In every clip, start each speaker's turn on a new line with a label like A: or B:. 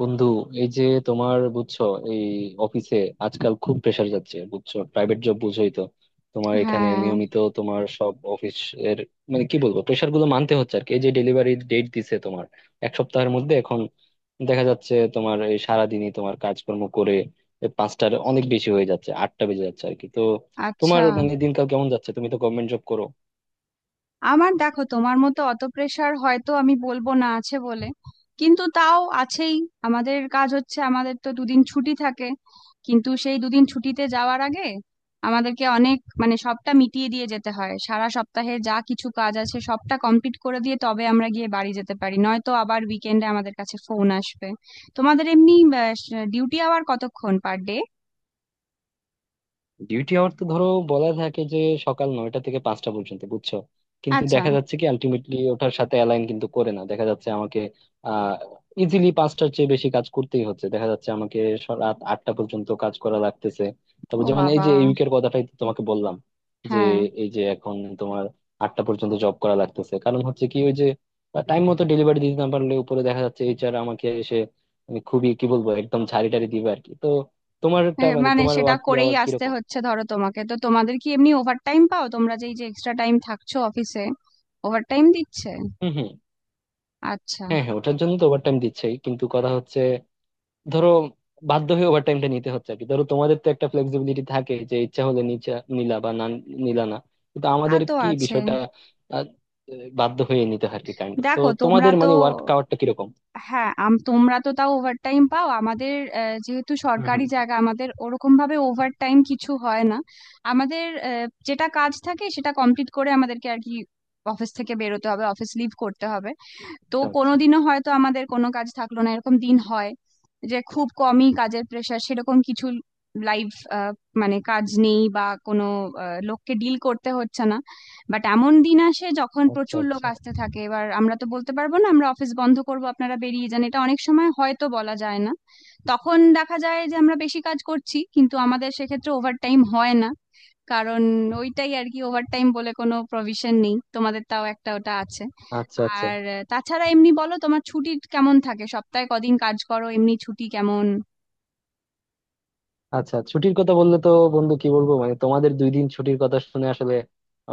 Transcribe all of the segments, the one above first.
A: বন্ধু, এই যে তোমার, বুঝছো, এই অফিসে আজকাল খুব প্রেসার যাচ্ছে, বুঝছো, প্রাইভেট জব বুঝোই তো। তোমার এখানে
B: হ্যাঁ,
A: নিয়মিত তোমার সব অফিস এর মানে কি বলবো, প্রেসার গুলো মানতে হচ্ছে আর কি। এই যে ডেলিভারি ডেট দিছে তোমার এক সপ্তাহের মধ্যে, এখন দেখা যাচ্ছে তোমার এই সারাদিনই তোমার কাজকর্ম করে এই পাঁচটার অনেক বেশি হয়ে যাচ্ছে, 8টা বেজে যাচ্ছে আর কি। তো তোমার
B: আচ্ছা।
A: মানে দিনকাল কেমন যাচ্ছে, তুমি তো গভর্নমেন্ট জব করো?
B: আমার, দেখো, তোমার মতো অত প্রেশার হয়তো আমি বলবো না, আছে বলে। কিন্তু তাও আছেই। আমাদের কাজ হচ্ছে, আমাদের তো দুদিন ছুটি থাকে, কিন্তু সেই দুদিন ছুটিতে যাওয়ার আগে আমাদেরকে অনেক, মানে সবটা মিটিয়ে দিয়ে যেতে হয়, সারা সপ্তাহে যা কিছু কাজ আছে সবটা কমপ্লিট করে দিয়ে তবে আমরা গিয়ে বাড়ি যেতে পারি, নয়তো আবার উইকেন্ডে আমাদের কাছে ফোন আসবে। তোমাদের এমনি ডিউটি আওয়ার কতক্ষণ পার ডে?
A: ডিউটি আওয়ার তো ধরো বলা থাকে যে সকাল 9টা থেকে 5টা পর্যন্ত, বুঝছো। কিন্তু
B: আচ্ছা।
A: দেখা যাচ্ছে কি আলটিমেটলি ওটার সাথে অ্যালাইন কিন্তু করে না দেখা যাচ্ছে আমাকে। আহ ইজিলি 5টার চেয়ে বেশি কাজ করতেই হচ্ছে দেখা যাচ্ছে আমাকে। রাত 8টা পর্যন্ত কাজ করা লাগতেছে। তারপর
B: ও
A: যেমন এই
B: বাবা!
A: যে এই উইকের কথাটাই তো তোমাকে বললাম যে
B: হ্যাঁ।
A: এই যে এখন তোমার 8টা পর্যন্ত জব করা লাগতেছে, কারণ হচ্ছে কি ওই যে টাইম মতো ডেলিভারি দিতে না পারলে উপরে দেখা যাচ্ছে এইচআর আমাকে এসে, আমি খুবই কি বলবো একদম ঝাড়ি টাড়ি দিবে আর কি। তো তোমারটা মানে
B: মানে
A: তোমার
B: সেটা
A: ওয়ার্ক
B: করেই
A: আওয়ার
B: আসতে
A: কিরকম?
B: হচ্ছে, ধরো। তোমাকে, তো তোমাদের কি এমনি ওভারটাইম পাও তোমরা, যেই যে এক্সট্রা টাইম থাকছো অফিসে ওভারটাইম দিচ্ছে?
A: হম হম।
B: আচ্ছা।
A: হ্যাঁ হ্যাঁ, ওটার জন্য তো ওভারটাইম দিচ্ছেই, কিন্তু কথা হচ্ছে ধরো বাধ্য হয়ে ওভারটাইমটা নিতে হচ্ছে আর কি। ধরো তোমাদের তো একটা ফ্লেক্সিবিলিটি থাকে যে ইচ্ছা হলে নিচা নিলা বা না নিলা না, কিন্তু
B: তা
A: আমাদের
B: তো
A: কি
B: আছে।
A: বিষয়টা আহ, বাধ্য হয়ে নিতে হয় আর কি কাইন্ড অফ। তো
B: দেখো তোমরা
A: তোমাদের
B: তো,
A: মানে ওয়ার্ক আওয়ারটা কিরকম?
B: হ্যাঁ, তোমরা তো তাও ওভারটাইম পাও। আমাদের, যেহেতু
A: হম
B: সরকারি
A: হম।
B: জায়গা, আমাদের ওরকম ভাবে ওভারটাইম কিছু হয় না। আমাদের যেটা কাজ থাকে সেটা কমপ্লিট করে আমাদেরকে আর কি অফিস থেকে বেরোতে হবে, অফিস লিভ করতে হবে। তো
A: আচ্ছা আচ্ছা।
B: কোনোদিনও হয়তো আমাদের কোনো কাজ থাকলো না, এরকম দিন হয়, যে খুব কমই কাজের প্রেশার, সেরকম কিছু লাইভ, মানে কাজ নেই, বা কোনো লোককে ডিল করতে হচ্ছে না। বাট এমন দিন আসে যখন
A: আচ্ছা
B: প্রচুর লোক
A: আচ্ছা।
B: আসতে থাকে, এবার আমরা তো বলতে পারবো না আমরা অফিস বন্ধ করব, আপনারা বেরিয়ে যান, এটা অনেক সময় হয়তো বলা যায় না। তখন দেখা যায় যে আমরা বেশি কাজ করছি কিন্তু আমাদের সেক্ষেত্রে ওভারটাইম হয় না, কারণ ওইটাই আর কি, ওভারটাইম বলে কোনো প্রভিশন নেই, তোমাদের তাও একটা ওটা আছে।
A: আচ্ছা আচ্ছা।
B: আর তাছাড়া এমনি বলো, তোমার ছুটি কেমন থাকে, সপ্তাহে কদিন কাজ করো, এমনি ছুটি কেমন?
A: আচ্ছা, ছুটির কথা বললে তো বন্ধু কি বলবো, মানে তোমাদের 2 দিন ছুটির কথা শুনে আসলে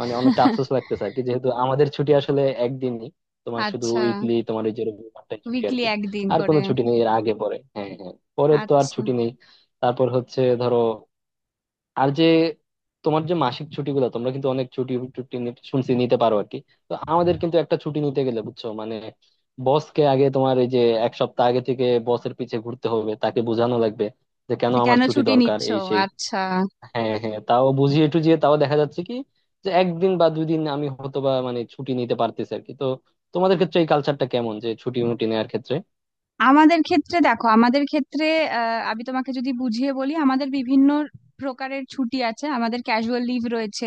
A: মানে অনেকটা আফসোস লাগতেছে আর কি, যেহেতু আমাদের ছুটি আসলে একদিনই। তোমার শুধু
B: আচ্ছা,
A: উইকলি তোমার ওই যে রবিবারটাই ছুটি আর
B: উইকলি
A: কি।
B: একদিন
A: আর কোনো
B: করে।
A: ছুটি নেই এর আগে পরে, হ্যাঁ হ্যাঁ, পরে তো আর
B: আচ্ছা।
A: ছুটি নেই। তারপর হচ্ছে ধরো আর যে তোমার যে মাসিক ছুটিগুলো তোমরা কিন্তু অনেক ছুটি টুটি শুনছি নিতে পারো আর কি। তো আমাদের কিন্তু একটা ছুটি নিতে গেলে বুঝছো মানে বসকে আগে তোমার এই যে এক সপ্তাহ আগে থেকে বসের পিছে ঘুরতে হবে, তাকে বোঝানো লাগবে যে কেন
B: যে
A: আমার
B: কেন
A: ছুটি
B: ছুটি
A: দরকার
B: নিচ্ছ?
A: এই সেই।
B: আচ্ছা।
A: হ্যাঁ হ্যাঁ, তাও বুঝিয়ে টুঝিয়ে তাও দেখা যাচ্ছে কি যে একদিন বা 2 দিন আমি হয়তো বা মানে ছুটি নিতে পারতেছি আর কি। তো তোমাদের ক্ষেত্রে এই কালচারটা কেমন যে ছুটি মুটি নেওয়ার ক্ষেত্রে?
B: আমাদের ক্ষেত্রে দেখো, আমাদের ক্ষেত্রে, আমি তোমাকে যদি বুঝিয়ে বলি, আমাদের বিভিন্ন প্রকারের ছুটি আছে। আমাদের ক্যাজুয়াল লিভ রয়েছে,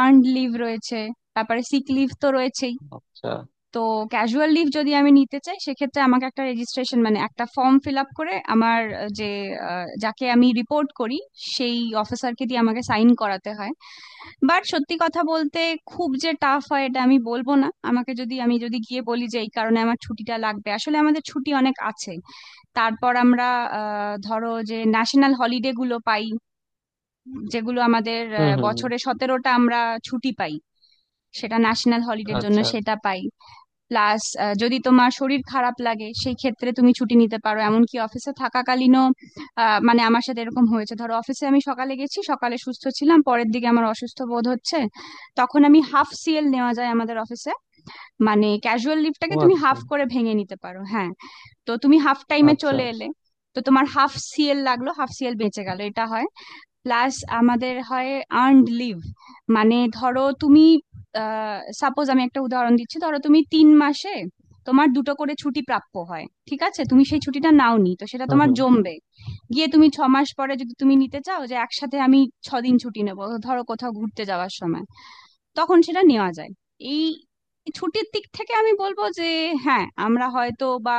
B: আর্নড লিভ রয়েছে, তারপরে সিক লিভ তো রয়েছেই।
A: আচ্ছা।
B: তো ক্যাজুয়াল লিভ যদি আমি নিতে চাই, সেক্ষেত্রে আমাকে একটা রেজিস্ট্রেশন, মানে একটা ফর্ম ফিল আপ করে আমার যাকে আমি রিপোর্ট করি সেই অফিসারকে দিয়ে আমাকে সাইন করাতে হয়। বাট সত্যি কথা বলতে, খুব যে টাফ হয় এটা আমি বলবো না। আমাকে যদি, আমি যদি গিয়ে বলি যে এই কারণে আমার ছুটিটা লাগবে, আসলে আমাদের ছুটি অনেক আছে। তারপর আমরা ধরো, যে ন্যাশনাল হলিডে গুলো পাই, যেগুলো আমাদের,
A: হম হম।
B: বছরে 17টা আমরা ছুটি পাই, সেটা ন্যাশনাল হলিডের
A: আচ্ছা
B: জন্য
A: আচ্ছা।
B: সেটা পাই। প্লাস যদি তোমার শরীর খারাপ লাগে সেই ক্ষেত্রে তুমি ছুটি নিতে পারো, এমনকি অফিসে থাকাকালীনও। মানে আমার সাথে এরকম হয়েছে, ধরো অফিসে আমি সকালে গেছি, সকালে সুস্থ ছিলাম, পরের দিকে আমার অসুস্থ বোধ হচ্ছে, তখন আমি হাফ সিএল নেওয়া যায় আমাদের অফিসে, মানে ক্যাজুয়াল
A: ও
B: লিভটাকে তুমি
A: আচ্ছা।
B: হাফ করে ভেঙে নিতে পারো। হ্যাঁ, তো তুমি হাফ টাইমে
A: আচ্ছা
B: চলে
A: আচ্ছা।
B: এলে, তো তোমার হাফ সিএল লাগলো, হাফ সিএল বেঁচে গেল, এটা হয়। প্লাস আমাদের হয় আর্নড লিভ। মানে ধরো তুমি, সাপোজ, আমি একটা উদাহরণ দিচ্ছি, ধরো তুমি তিন মাসে তোমার দুটো করে ছুটি প্রাপ্য হয়, ঠিক আছে? তুমি সেই ছুটিটা নাও নি, তো সেটা
A: হম
B: তোমার
A: হম।
B: জমবে। গিয়ে তুমি ছ মাস পরে যদি তুমি নিতে চাও যে একসাথে আমি ছ দিন ছুটি নেবো, ধরো কোথাও ঘুরতে যাওয়ার সময়, তখন সেটা নেওয়া যায়। এই ছুটির দিক থেকে আমি বলবো যে হ্যাঁ, আমরা হয়তো বা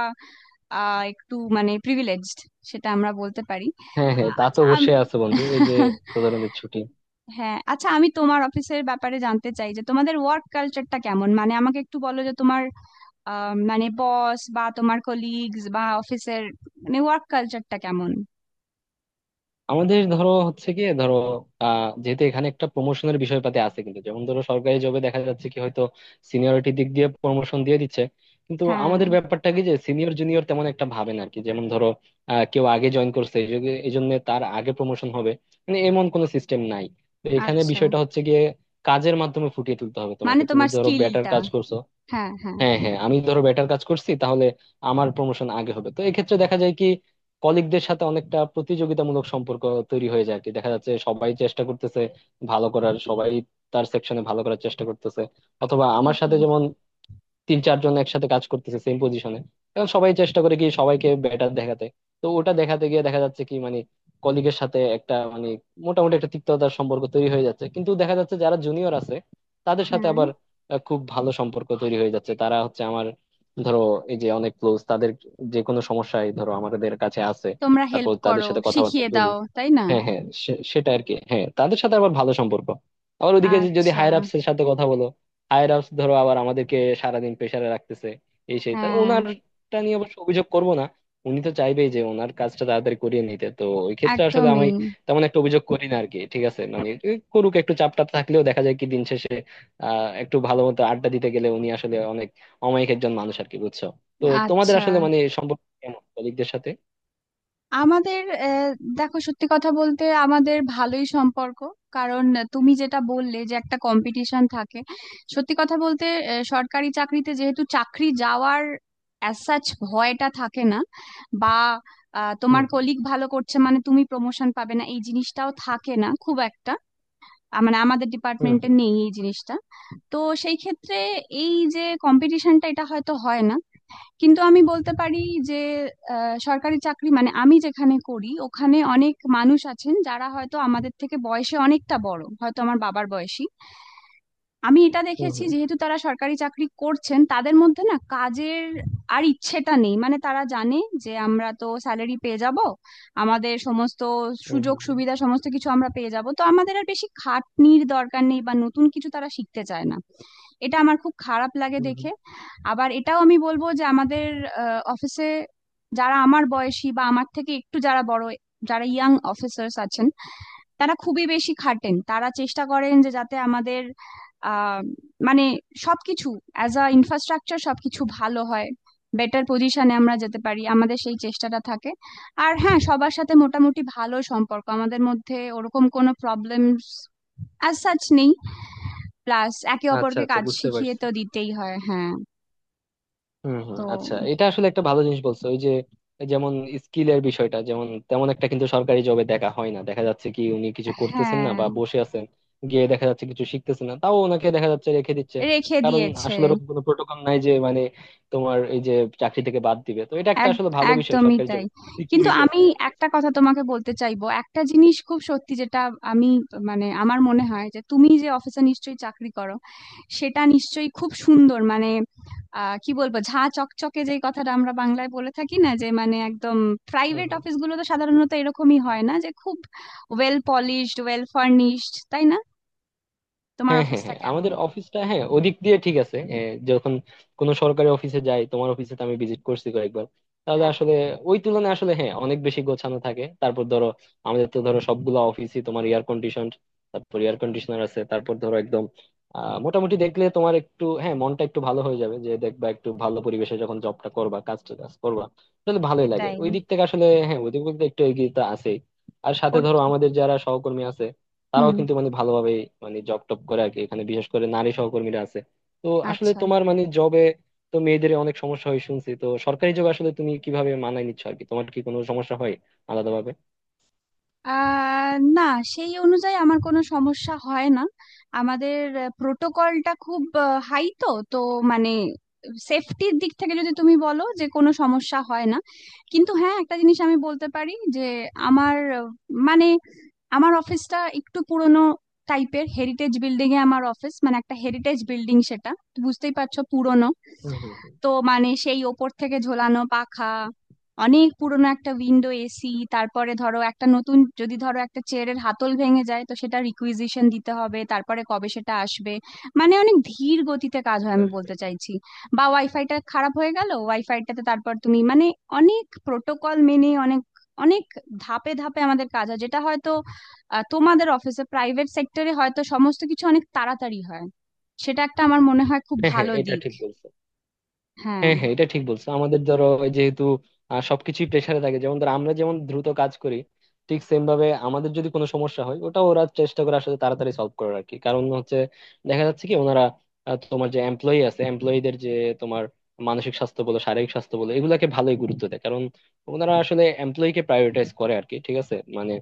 B: একটু, মানে প্রিভিলেজড, সেটা আমরা বলতে পারি।
A: হ্যাঁ হ্যাঁ, তা তো
B: আচ্ছা,
A: অবশ্যই আছে বন্ধু, এই যে প্রধানমন্ত্রীর ছুটি।
B: হ্যাঁ, আচ্ছা, আমি তোমার অফিসের ব্যাপারে জানতে চাই, যে তোমাদের ওয়ার্ক কালচারটা কেমন, মানে আমাকে একটু বলো যে তোমার মানে বস বা তোমার কলিগস বা অফিসের, মানে ওয়ার্ক কালচারটা কেমন?
A: আমাদের ধরো হচ্ছে কি, ধরো যেহেতু এখানে একটা প্রমোশনের বিষয়পাতি আছে, কিন্তু যেমন ধরো সরকারি জবে দেখা যাচ্ছে কি হয়তো সিনিয়রিটি দিক দিয়ে প্রমোশন দিয়ে দিচ্ছে, কিন্তু
B: হ্যাঁ।
A: আমাদের ব্যাপারটা কি যে সিনিয়র জুনিয়র তেমন একটা ভাবে না আর কি। যেমন ধরো কেউ আগে জয়েন করছে এই জন্য তার আগে প্রমোশন হবে, মানে এমন কোনো সিস্টেম নাই। তো এখানে
B: আচ্ছা।
A: বিষয়টা হচ্ছে গিয়ে কাজের মাধ্যমে ফুটিয়ে তুলতে হবে,
B: মানে
A: তোমাকে তুমি
B: তোমার
A: ধরো বেটার
B: স্কিলটা?
A: কাজ করছো।
B: হ্যাঁ, হ্যাঁ।
A: হ্যাঁ হ্যাঁ, আমি ধরো বেটার কাজ করছি তাহলে আমার প্রমোশন আগে হবে। তো এক্ষেত্রে দেখা যায় কি কলিগদের সাথে অনেকটা প্রতিযোগিতামূলক সম্পর্ক তৈরি হয়ে যায় আর কি। দেখা যাচ্ছে সবাই চেষ্টা করতেছে ভালো করার, সবাই তার সেকশনে ভালো করার চেষ্টা করতেছে। অথবা আমার
B: ঠিকই।
A: সাথে যেমন তিন চারজন একসাথে কাজ করতেছে সেম পজিশনে, এখন সবাই চেষ্টা করে কি সবাইকে বেটার দেখাতে। তো ওটা দেখাতে গিয়ে দেখা যাচ্ছে কি মানে কলিগের সাথে একটা মানে মোটামুটি একটা তিক্ততার সম্পর্ক তৈরি হয়ে যাচ্ছে। কিন্তু দেখা যাচ্ছে যারা জুনিয়র আছে তাদের সাথে
B: হ্যাঁ।
A: আবার খুব ভালো সম্পর্ক তৈরি হয়ে যাচ্ছে। তারা হচ্ছে আমার ধরো এই যে অনেক ক্লোজ, তাদের যে কোনো সমস্যায় ধরো আমাদের কাছে আসে,
B: তোমরা হেল্প
A: তারপর তাদের
B: করো,
A: সাথে কথাবার্তা
B: শিখিয়ে
A: বলি।
B: দাও, তাই না?
A: হ্যাঁ হ্যাঁ, সেটা আর কি, হ্যাঁ তাদের সাথে আবার ভালো সম্পর্ক। আবার ওদিকে যদি
B: আচ্ছা।
A: হায়ার আপস এর সাথে কথা বলো, হায়ার আপস ধরো আবার আমাদেরকে সারাদিন প্রেসারে রাখতেছে এই সেই। তা
B: হ্যাঁ,
A: ওনারটা নিয়ে অবশ্য অভিযোগ করব না, উনি তো চাইবেই যে ওনার কাজটা তাড়াতাড়ি করিয়ে নিতে। তো ওই ক্ষেত্রে আসলে
B: একদমই।
A: আমি তেমন একটা অভিযোগ করি না আর কি। ঠিক আছে মানে করুক, একটু চাপটা থাকলেও দেখা যায় কি দিন শেষে একটু ভালো মতো আড্ডা দিতে গেলে উনি আসলে অনেক অমায়িক একজন মানুষ আর কি, বুঝছো? তো তোমাদের
B: আচ্ছা,
A: আসলে মানে সম্পর্ক কেমন কলিগদের সাথে?
B: আমাদের, দেখো, সত্যি কথা বলতে, আমাদের ভালোই সম্পর্ক, কারণ তুমি যেটা বললে যে একটা কম্পিটিশন থাকে, সত্যি কথা বলতে সরকারি চাকরিতে যেহেতু চাকরি যাওয়ার অ্যাজ সাচ ভয়টা থাকে না, বা তোমার
A: হুম
B: কলিগ ভালো করছে মানে তুমি প্রমোশন পাবে না, এই জিনিসটাও থাকে না খুব একটা। মানে আমাদের
A: হুম
B: ডিপার্টমেন্টে
A: হুম
B: নেই এই জিনিসটা। তো সেই ক্ষেত্রে এই যে কম্পিটিশনটা, এটা হয়তো হয় না, কিন্তু আমি বলতে পারি যে সরকারি চাকরি, মানে আমি যেখানে করি, ওখানে অনেক মানুষ আছেন যারা হয়তো আমাদের থেকে বয়সে অনেকটা বড়, হয়তো আমার বাবার বয়সী। আমি এটা
A: হুম
B: দেখেছি
A: হুম
B: যেহেতু তারা সরকারি চাকরি করছেন, তাদের মধ্যে না কাজের আর ইচ্ছেটা নেই, মানে তারা জানে যে আমরা তো স্যালারি পেয়ে যাব, আমাদের সমস্ত
A: হুম
B: সুযোগ
A: হুম হুম।
B: সুবিধা সমস্ত কিছু আমরা পেয়ে যাব, তো আমাদের আর বেশি খাটনির দরকার নেই, বা নতুন কিছু তারা শিখতে চায় না। এটা আমার খুব খারাপ লাগে
A: হুম
B: দেখে।
A: হুম।
B: আবার এটাও আমি বলবো যে আমাদের অফিসে যারা আমার বয়সী বা আমার থেকে একটু যারা বড়, যারা ইয়াং অফিসার্স আছেন, তারা খুবই বেশি খাটেন, তারা চেষ্টা করেন যে যাতে আমাদের আহ মানে সবকিছু অ্যাজ আ ইনফ্রাস্ট্রাকচার সবকিছু ভালো হয়, বেটার পজিশনে আমরা যেতে পারি, আমাদের সেই চেষ্টাটা থাকে। আর হ্যাঁ, সবার সাথে মোটামুটি ভালো সম্পর্ক, আমাদের মধ্যে ওরকম কোনো প্রবলেমস অ্যাজ সাচ নেই। প্লাস একে
A: আচ্ছা
B: অপরকে
A: আচ্ছা,
B: কাজ
A: বুঝতে
B: শিখিয়ে
A: পারছি।
B: তো দিতেই হয়। হ্যাঁ।
A: হুম হুম।
B: তো
A: আচ্ছা, এটা আসলে একটা ভালো জিনিস বলছো, ওই যে যেমন স্কিলের বিষয়টা যেমন তেমন একটা কিন্তু সরকারি জবে দেখা হয় না। দেখা যাচ্ছে কি উনি কিছু করতেছেন না
B: হ্যাঁ।
A: বা বসে আছেন গিয়ে, দেখা যাচ্ছে কিছু শিখতেছেন না তাও ওনাকে দেখা যাচ্ছে রেখে দিচ্ছে,
B: রেখে
A: কারণ
B: দিয়েছে।
A: আসলে ওরকম কোনো প্রোটোকল নাই যে মানে তোমার এই যে চাকরি থেকে বাদ দিবে। তো এটা একটা
B: এক,
A: আসলে ভালো বিষয়
B: একদমই
A: সরকারি জব,
B: তাই। কিন্তু
A: সিকিউরিটি
B: আমি
A: আছে অ্যাটলিস্ট।
B: একটা কথা তোমাকে বলতে চাইবো, একটা জিনিস খুব সত্যি, যেটা আমি, মানে আমার মনে হয় যে তুমি যে অফিসে নিশ্চয়ই চাকরি করো, সেটা নিশ্চয়ই খুব সুন্দর, মানে কি বলবো, ঝাঁ চকচকে যেই কথাটা আমরা বাংলায় বলে থাকি না, যে মানে একদম প্রাইভেট অফিসগুলো তো সাধারণত এরকমই হয় না, যে খুব ওয়েল পলিশড, ওয়েল ফার্নিশড, তাই না? তোমার
A: হ্যাঁ হ্যাঁ
B: অফিসটা
A: হ্যাঁ,
B: কেমন?
A: আমাদের অফিসটা হ্যাঁ ওদিক দিয়ে ঠিক আছে। যখন কোনো সরকারি অফিসে যাই, তোমার অফিসে তো আমি ভিজিট করছি কয়েকবার, তাহলে
B: হ্যাঁ,
A: আসলে ওই তুলনায় আসলে হ্যাঁ অনেক বেশি গোছানো থাকে। তারপর ধরো আমাদের তো ধরো সবগুলো অফিসই তোমার এয়ার কন্ডিশন, তারপর এয়ার কন্ডিশনার আছে। তারপর ধরো একদম মোটামুটি দেখলে তোমার একটু হ্যাঁ মনটা একটু ভালো হয়ে যাবে, যে দেখবা একটু ভালো পরিবেশে যখন জবটা করবা কাজটা কাজ করবা তাহলে ভালোই লাগে।
B: সেটাই।
A: ওই দিক থেকে আসলে হ্যাঁ, ওই দিক থেকে একটু এগিয়ে তো আছেই। আর সাথে
B: ওর।
A: ধরো আমাদের যারা সহকর্মী আছে তারাও
B: হুম।
A: কিন্তু মানে ভালোভাবে মানে জব টপ করে আর কি। এখানে বিশেষ করে নারী সহকর্মীরা আছে, তো আসলে
B: আচ্ছা।
A: তোমার মানে জবে তো মেয়েদের অনেক সমস্যা হয় শুনছি। তো সরকারি জবে আসলে তুমি কিভাবে মানায় নিচ্ছ আর কি, তোমার কি কোনো সমস্যা হয় আলাদাভাবে?
B: না, সেই অনুযায়ী আমার কোনো সমস্যা হয় না। আমাদের প্রোটোকলটা খুব হাই, তো তো মানে সেফটির দিক থেকে যদি তুমি বলো, যে কোনো সমস্যা হয় না। কিন্তু হ্যাঁ, একটা জিনিস আমি বলতে পারি যে আমার মানে আমার অফিসটা একটু পুরনো টাইপের, হেরিটেজ বিল্ডিং এ আমার অফিস, মানে একটা হেরিটেজ বিল্ডিং, সেটা তো বুঝতেই পারছো, পুরনো।
A: হম হম হম।
B: তো মানে সেই ওপর থেকে ঝোলানো পাখা, অনেক পুরনো একটা উইন্ডো এসি, তারপরে ধরো একটা নতুন, যদি ধরো একটা চেয়ারের হাতল ভেঙে যায় তো সেটা রিকুইজিশন দিতে হবে, তারপরে কবে সেটা আসবে, মানে অনেক ধীর গতিতে কাজ হয় আমি বলতে চাইছি। বা ওয়াইফাইটা খারাপ হয়ে গেল, ওয়াইফাইটাতে তারপর তুমি, মানে অনেক প্রোটোকল মেনে, অনেক অনেক ধাপে ধাপে আমাদের কাজ হয়, যেটা হয়তো, তোমাদের অফিসে, প্রাইভেট সেক্টরে হয়তো সমস্ত কিছু অনেক তাড়াতাড়ি হয়। সেটা একটা আমার মনে হয় খুব
A: হ্যাঁ হ্যাঁ,
B: ভালো
A: এটা
B: দিক।
A: ঠিক বলছো।
B: হ্যাঁ,
A: হ্যাঁ হ্যাঁ এটা ঠিক বলছো, আমাদের ধরো ওই যেহেতু সবকিছুই প্রেসারে থাকে যেমন ধরো আমরা যেমন দ্রুত কাজ করি ঠিক সেম ভাবে, আমাদের যদি কোনো সমস্যা হয় ওটা ওরা চেষ্টা করে আসলে তাড়াতাড়ি সলভ করার আর কি। কারণ হচ্ছে দেখা যাচ্ছে কি ওনারা তোমার যে এমপ্লয়ি আছে এমপ্লয়ীদের যে তোমার মানসিক স্বাস্থ্য বলো শারীরিক স্বাস্থ্য বলো এগুলাকে ভালোই গুরুত্ব দেয়, কারণ ওনারা আসলে এমপ্লয়ীকে প্রায়োরিটাইজ করে আর কি। ঠিক আছে মানে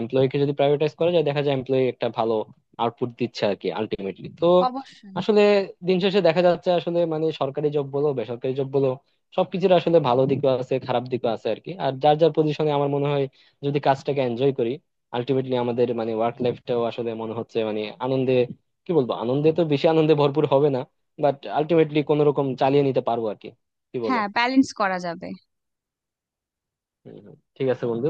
A: এমপ্লয়ীকে যদি প্রায়োরিটাইজ করা যায় দেখা যায় এমপ্লয়ি একটা ভালো আউটপুট দিচ্ছে আর কি আলটিমেটলি তো।
B: অবশ্যই।
A: আসলে দিন শেষে দেখা যাচ্ছে আসলে মানে সরকারি জব বলো বেসরকারি জব বলো সবকিছুর আসলে ভালো দিকও আছে খারাপ দিকও আছে আর কি। আর যার যার পজিশনে আমার মনে হয় যদি কাজটাকে এনজয় করি আলটিমেটলি আমাদের মানে ওয়ার্ক লাইফটাও আসলে মনে হচ্ছে মানে আনন্দে কি বলবো আনন্দে তো বেশি আনন্দে ভরপুর হবে না, বাট আলটিমেটলি কোনো রকম চালিয়ে নিতে পারবো আর কি। কি বলো?
B: হ্যাঁ, ব্যালেন্স করা যাবে।
A: হম, হম। ঠিক আছে বন্ধু।